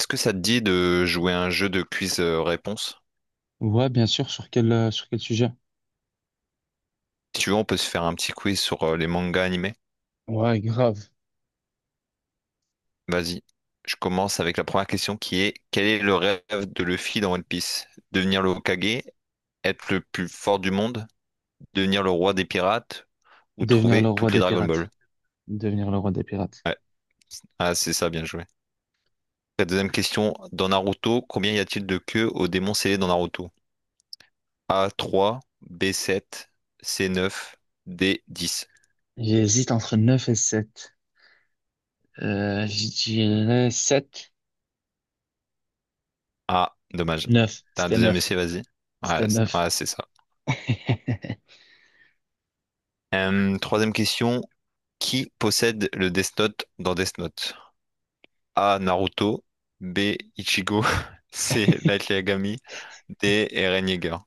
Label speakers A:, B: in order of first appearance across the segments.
A: Est-ce que ça te dit de jouer à un jeu de quiz réponse?
B: Ouais, bien sûr. Sur quel sujet?
A: Si tu veux, on peut se faire un petit quiz sur les mangas animés.
B: Ouais, grave.
A: Vas-y. Je commence avec la première question qui est quel est le rêve de Luffy dans One Piece? Devenir le Hokage, être le plus fort du monde, devenir le roi des pirates ou
B: Devenir le
A: trouver
B: roi
A: toutes les
B: des
A: Dragon Ball?
B: pirates. Devenir le roi des pirates.
A: Ouais. Ah, c'est ça, bien joué. La deuxième question, dans Naruto, combien y a-t-il de queues au démon scellé dans Naruto? A trois, b sept, c neuf, d dix.
B: J'hésite entre 9 et sept. Je dirais sept.
A: Ah, dommage.
B: Neuf.
A: T'as un
B: C'était
A: deuxième
B: neuf.
A: essai, vas-y. Ouais,
B: C'était neuf.
A: c'est ça. Troisième question. Qui possède le Death Note dans Death Note? A. Naruto. B. Ichigo. C. Light Yagami. D. Eren Yeager.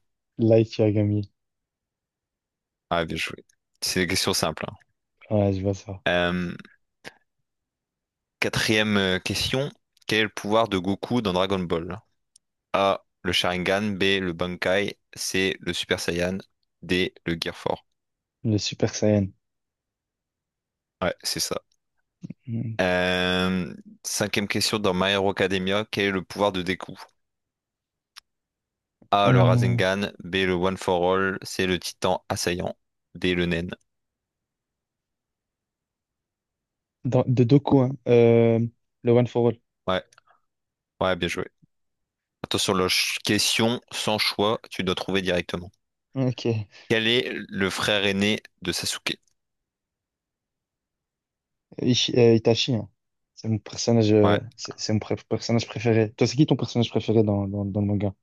B: Light Yagami.
A: Ah, bien joué. C'est des questions simples, hein.
B: Ouais, je vois ça.
A: Euh, quatrième question. Quel est le pouvoir de Goku dans Dragon Ball? A. Le Sharingan. B. Le Bankai. C. Le Super Saiyan. D. Le Gear Four.
B: Le Super Saiyan.
A: Ouais, c'est ça.
B: Mm.
A: Euh, cinquième question dans My Hero Academia, quel est le pouvoir de Deku? A, le
B: Euh,
A: Rasengan, B, le One for All, C, le Titan assaillant, D, le Nen.
B: de Doku, hein. Le One for All.
A: Ouais, ouais, bien joué. Attention, la question sans choix, tu dois trouver directement.
B: Ok.
A: Quel est le frère aîné de Sasuke?
B: Itachi, hein. C'est mon personnage,
A: Ouais.
B: c'est mon personnage préféré. Toi, c'est qui ton personnage préféré dans le manga?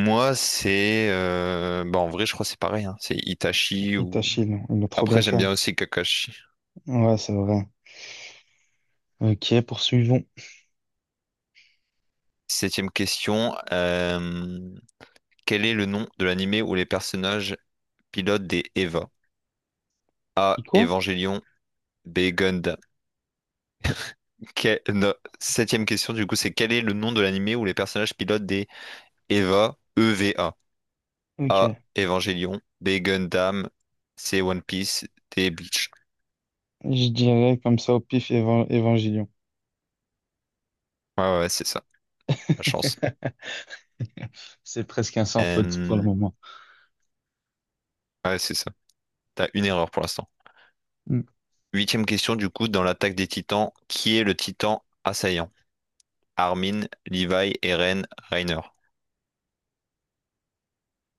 A: Moi, bah, en vrai, je crois que c'est pareil, hein. C'est Itachi ou...
B: Itachi, non. Ils l'ont trop bien
A: Après,
B: fait,
A: j'aime
B: hein.
A: bien aussi Kakashi.
B: Ouais, c'est vrai. Ok, poursuivons.
A: Septième question. Quel est le nom de l'anime où les personnages pilotent des EVA?
B: Et
A: A.
B: quoi?
A: Evangelion. B. Gundam. Non, septième question, du coup, c'est quel est le nom de l'anime où les personnages pilotent des EVA?
B: Ok.
A: A. Evangelion. B. Gundam. C. One Piece. D. Bleach.
B: Je dirais comme ça au pif, Évangélion.
A: Ouais, ouais, ouais, c'est ça. La chance.
B: C'est presque un sans faute pour le
A: Euh,
B: moment.
A: Ouais, c'est ça. T'as une erreur pour l'instant.
B: Mm.
A: Huitième question, du coup, dans l'attaque des titans, qui est le titan assaillant? Armin, Levi, Eren, Reiner.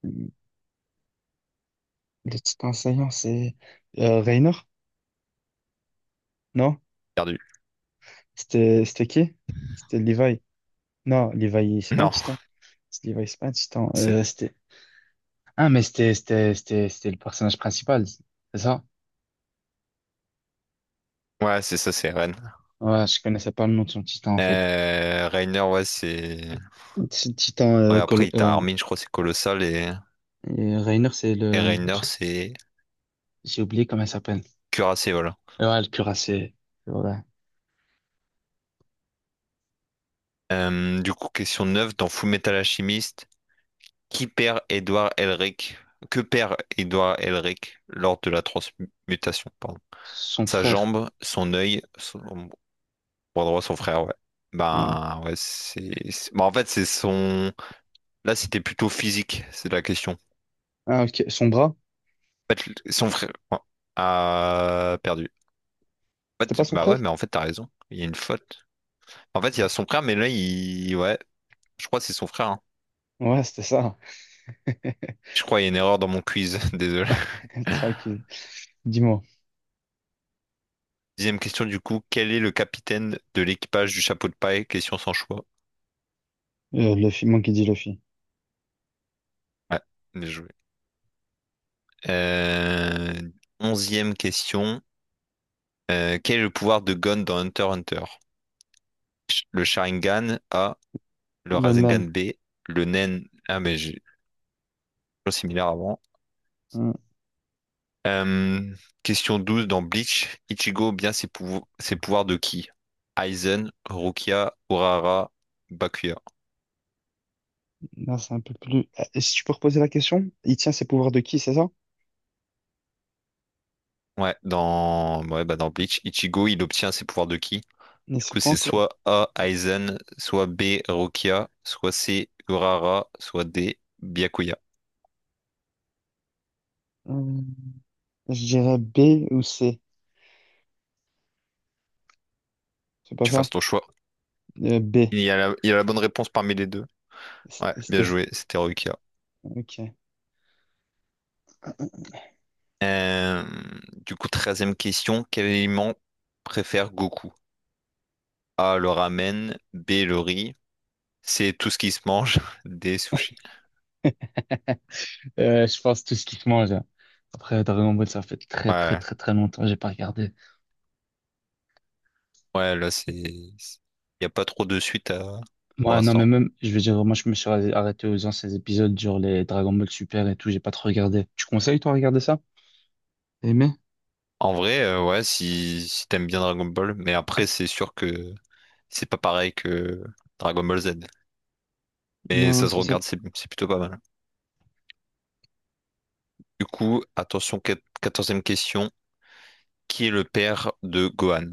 B: Le petit enseignant, c'est Raynor? Non?
A: Perdu.
B: C'était, qui? C'était Levi. Non, Levi, c'est pas un
A: Non,
B: titan. C'est Levi, c'est pas un titan.
A: c'est...
B: C'était... Ah, mais c'était le personnage principal, c'est ça?
A: Ouais, c'est ça, c'est Eren.
B: Ouais, je connaissais pas le nom de son titan, en fait.
A: Reiner, ouais,
B: Ce titan,
A: Ouais, après, t'as Armin, je crois, c'est colossal, et,
B: et Raynor, c'est
A: et
B: le...
A: Reiner, c'est
B: J'ai oublié comment il s'appelle.
A: cuirassé, voilà.
B: Ouais, le cuirassé. C'est vrai.
A: Du coup, question 9 dans Full Metal Alchemist qui perd Edward Elric? Que perd Edward Elric lors de la transmutation, pardon?
B: Son
A: Sa
B: frère.
A: jambe, son œil, bras droit, son frère, ouais.
B: Ouais.
A: Ben, ouais, ben, en fait, c'est son... Là, c'était plutôt physique, c'est la question.
B: Ah, ok. Son bras?
A: En fait, son frère ouais, a perdu. En
B: C'était
A: fait,
B: pas son
A: bah ouais,
B: frère?
A: mais en fait, t'as raison. Il y a une faute. En fait, il y a son frère, mais là, Ouais. Je crois que c'est son frère, hein.
B: Ouais, c'était ça.
A: Je crois qu'il y a une erreur dans mon quiz, désolé.
B: Tranquille. Dis-moi.
A: Dixième question du coup, quel est le capitaine de l'équipage du chapeau de paille? Question sans choix.
B: Luffy, moi qui dis Luffy.
A: Ouais, bien joué. Euh, Onzième question, quel est le pouvoir de Gon dans Hunter x Hunter? Le Sharingan A, le
B: Le nan.
A: Rasengan B, le Nen... Ah mais j'ai chose similaire avant.
B: Hum.
A: Euh, Question 12 dans Bleach, Ichigo bien ses pouvoirs de qui? Aizen, Rukia, Urara, Bakuya.
B: Là, c'est un peu plus. Si tu peux reposer la question, il tient ses pouvoirs de qui, c'est ça?
A: Ouais, bah dans Bleach, Ichigo, il obtient ses pouvoirs de qui?
B: Mais
A: Du
B: c'est
A: coup,
B: quoi
A: c'est
B: encore?
A: soit A, Aizen, soit B, Rokia, soit C, Urara, soit D, Byakuya.
B: Hum, je dirais B ou C. C'est pas
A: Tu
B: ça?
A: fasses ton choix.
B: B.
A: Il y a la bonne réponse parmi les deux. Ouais, bien
B: C'était.
A: joué, c'était Rokia.
B: Ok.
A: Euh, du coup, treizième question, quel aliment préfère Goku? A, le ramen, B, le riz, C, tout ce qui se mange, D, sushi.
B: Je pense tout ce qui se mange, hein. Après, Dragon Ball, ça fait très, très,
A: Ouais,
B: très, très longtemps. J'ai pas regardé.
A: ouais, là, c'est... Il n'y a pas trop de suite à... pour
B: Ouais, non, mais
A: l'instant.
B: même, je veux dire, moi, je me suis arrêté aux anciens épisodes, genre les Dragon Ball Super et tout, j'ai pas trop regardé. Tu conseilles, toi, à regarder ça? Aimé?
A: En vrai, ouais, si t'aimes bien Dragon Ball, mais après, c'est sûr que c'est pas pareil que Dragon Ball Z. Mais
B: Non, ouais,
A: ça se
B: c'est ça.
A: regarde, c'est plutôt pas mal. Du coup, attention, quatorzième question. Qui est le père de Gohan?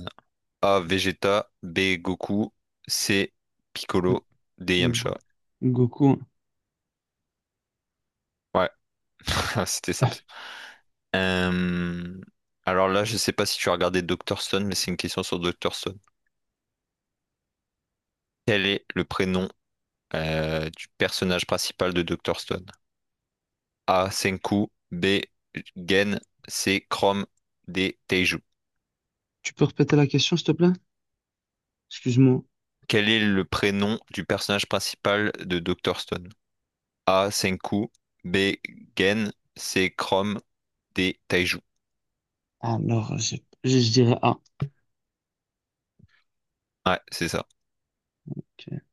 A: A. Vegeta, B. Goku, C. Piccolo, D.
B: Go-
A: Yamcha.
B: Goku, hein.
A: Ouais, c'était simple. Euh, Alors là, je sais pas si tu as regardé Doctor Stone, mais c'est une question sur Doctor Stone. Quel est le prénom du personnage principal de Doctor Stone? A. Senku. B. Gen. C. Chrome. D. Teiju.
B: Tu peux répéter la question, s'il te plaît? Excuse-moi.
A: Quel est le prénom du personnage principal de Dr. Stone? A. Senku. B. Gen. C. Chrome. D. Taiju.
B: Alors, je dirais A.
A: Ouais, c'est ça.
B: Ok.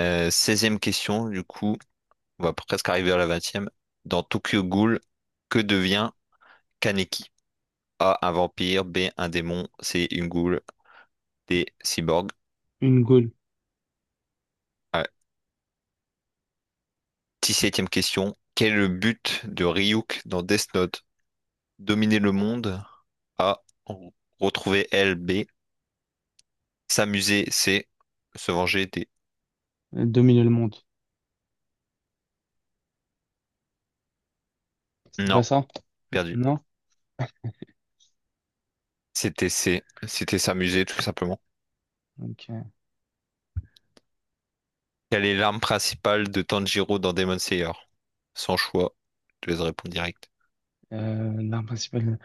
A: 16e question, du coup, on va presque arriver à la vingtième. Dans Tokyo Ghoul, que devient Kaneki? A. Un vampire. B. Un démon. C. Une ghoul. D. Cyborg.
B: Une Gaule,
A: Ouais. Dix-septième question. Quel est le but de Ryuk dans Death Note? Dominer le monde. A. R- Retrouver L. B. S'amuser. C. Se venger. D.
B: dominer le monde. C'était pas
A: Non,
B: ça?
A: perdu.
B: Non?
A: C'était C. C'était s'amuser, tout simplement.
B: Ok.
A: Quelle est l'arme principale de Tanjiro dans Demon Slayer? Sans choix. Je te laisse répondre direct.
B: L'arme principale,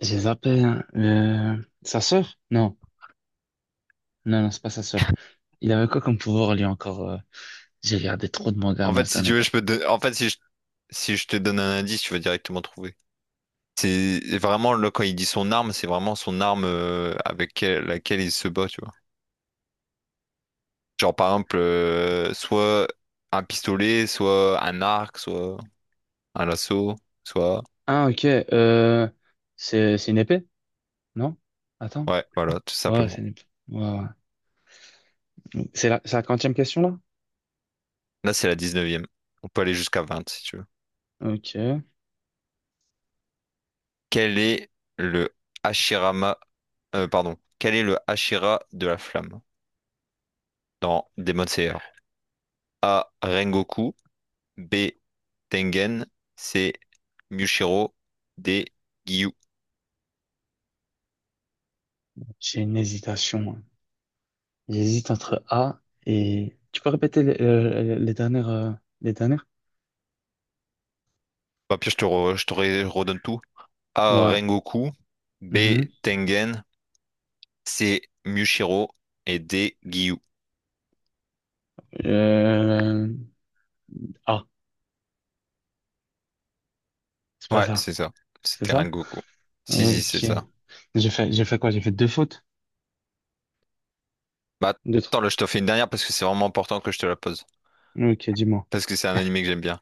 B: j'ai zappé, hein. Sa sœur? Non, non, non, c'est pas sa sœur. Il avait quoi comme pouvoir, lui, encore? J'ai regardé trop de mangas,
A: En
B: moi,
A: fait,
B: cette
A: si tu
B: année.
A: veux, je peux te... don- en fait, si je... si je te donne un indice, tu vas directement trouver. C'est vraiment, là, quand il dit son arme, c'est vraiment son arme avec laquelle il se bat, tu vois. Genre, par exemple, soit un pistolet, soit un arc, soit... un lasso, soit...
B: Ah, ok. C'est une épée, non? Attends.
A: Ouais, voilà, tout
B: Ouais,
A: simplement.
B: c'est une épée. Ouais, ouais. C'est la quantième question, là?
A: Là, c'est la dix-neuvième. On peut aller jusqu'à vingt, si tu veux.
B: Ok.
A: Quel est le Hashirama... pardon. Quel est le Hashira de la flamme dans Demon Slayer? A. Rengoku. B. Tengen. C. Mushiro. D. Gyu.
B: J'ai une hésitation, hein. J'hésite entre A et... Tu peux répéter les dernières... les dernières?
A: Bah, puis redonne tout. A.
B: Ouais.
A: Rengoku. B.
B: Mhm.
A: Tengen. C'est Mushiro et des Gyu.
B: Euh, A. C'est pas
A: Ouais,
B: ça.
A: c'est ça.
B: C'est
A: C'était
B: ça?
A: Rengoku. Si, si, c'est
B: Ok.
A: ça.
B: J'ai fait quoi? J'ai fait deux fautes?
A: Bah,
B: Deux trucs.
A: attends, là, je te fais une dernière parce que c'est vraiment important que je te la pose.
B: Ok, dis-moi.
A: Parce que c'est un animé que j'aime bien.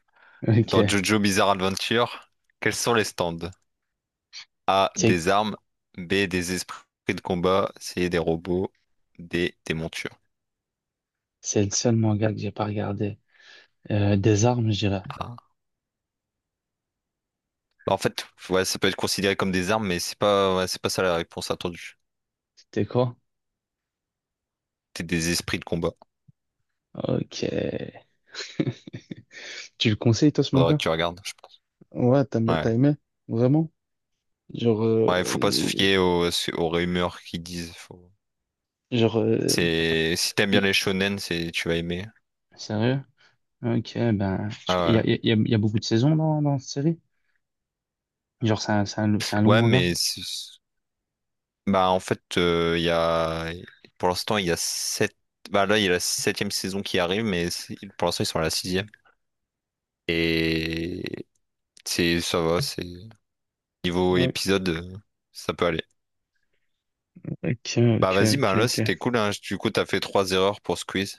A: Dans
B: Ok.
A: Jojo Bizarre Adventure, quels sont les stands? A,
B: C'est
A: des armes. B, des esprits de combat. C, des robots. D, des montures.
B: c'est le seul manga que j'ai pas regardé. Des armes, je dirais.
A: Ah. Bah, en fait, ouais, ça peut être considéré comme des armes, mais c'est pas, ouais, c'est pas ça la réponse attendue.
B: C'était quoi?
A: C'est des esprits de combat.
B: Ok. Tu le conseilles, toi, ce
A: Faudrait que
B: manga?
A: tu regardes, je pense.
B: Ouais, t'as
A: Ouais.
B: aimé? Vraiment? Genre,
A: Ouais, faut pas se
B: y-
A: fier aux rumeurs qui disent. Faut...
B: genre,
A: C'est si t'aimes bien
B: y-
A: les shonen, c'est tu vas aimer.
B: sérieux? Ok, ben, il y a,
A: Ah
B: y a beaucoup de saisons dans, cette série? Genre, c'est un long
A: ouais. Ouais,
B: manga?
A: mais bah en fait, il y a pour l'instant il y a sept. Bah là, il y a la septième saison qui arrive, mais pour l'instant ils sont à la sixième. Et c'est niveau
B: Ouais.
A: épisode, ça peut aller.
B: Ok,
A: Bah
B: ok,
A: vas-y,
B: ok,
A: bah là c'était
B: ok.
A: cool, hein. Du coup, t'as fait trois erreurs pour ce quiz.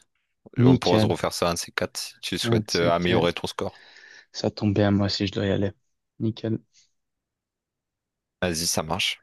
A: On pourra se
B: Nickel.
A: refaire ça un de ces quatre si tu
B: Ah, tu
A: souhaites
B: sais que
A: améliorer ton score.
B: ça tombe bien, moi aussi je dois y aller. Nickel.
A: Vas-y, ça marche.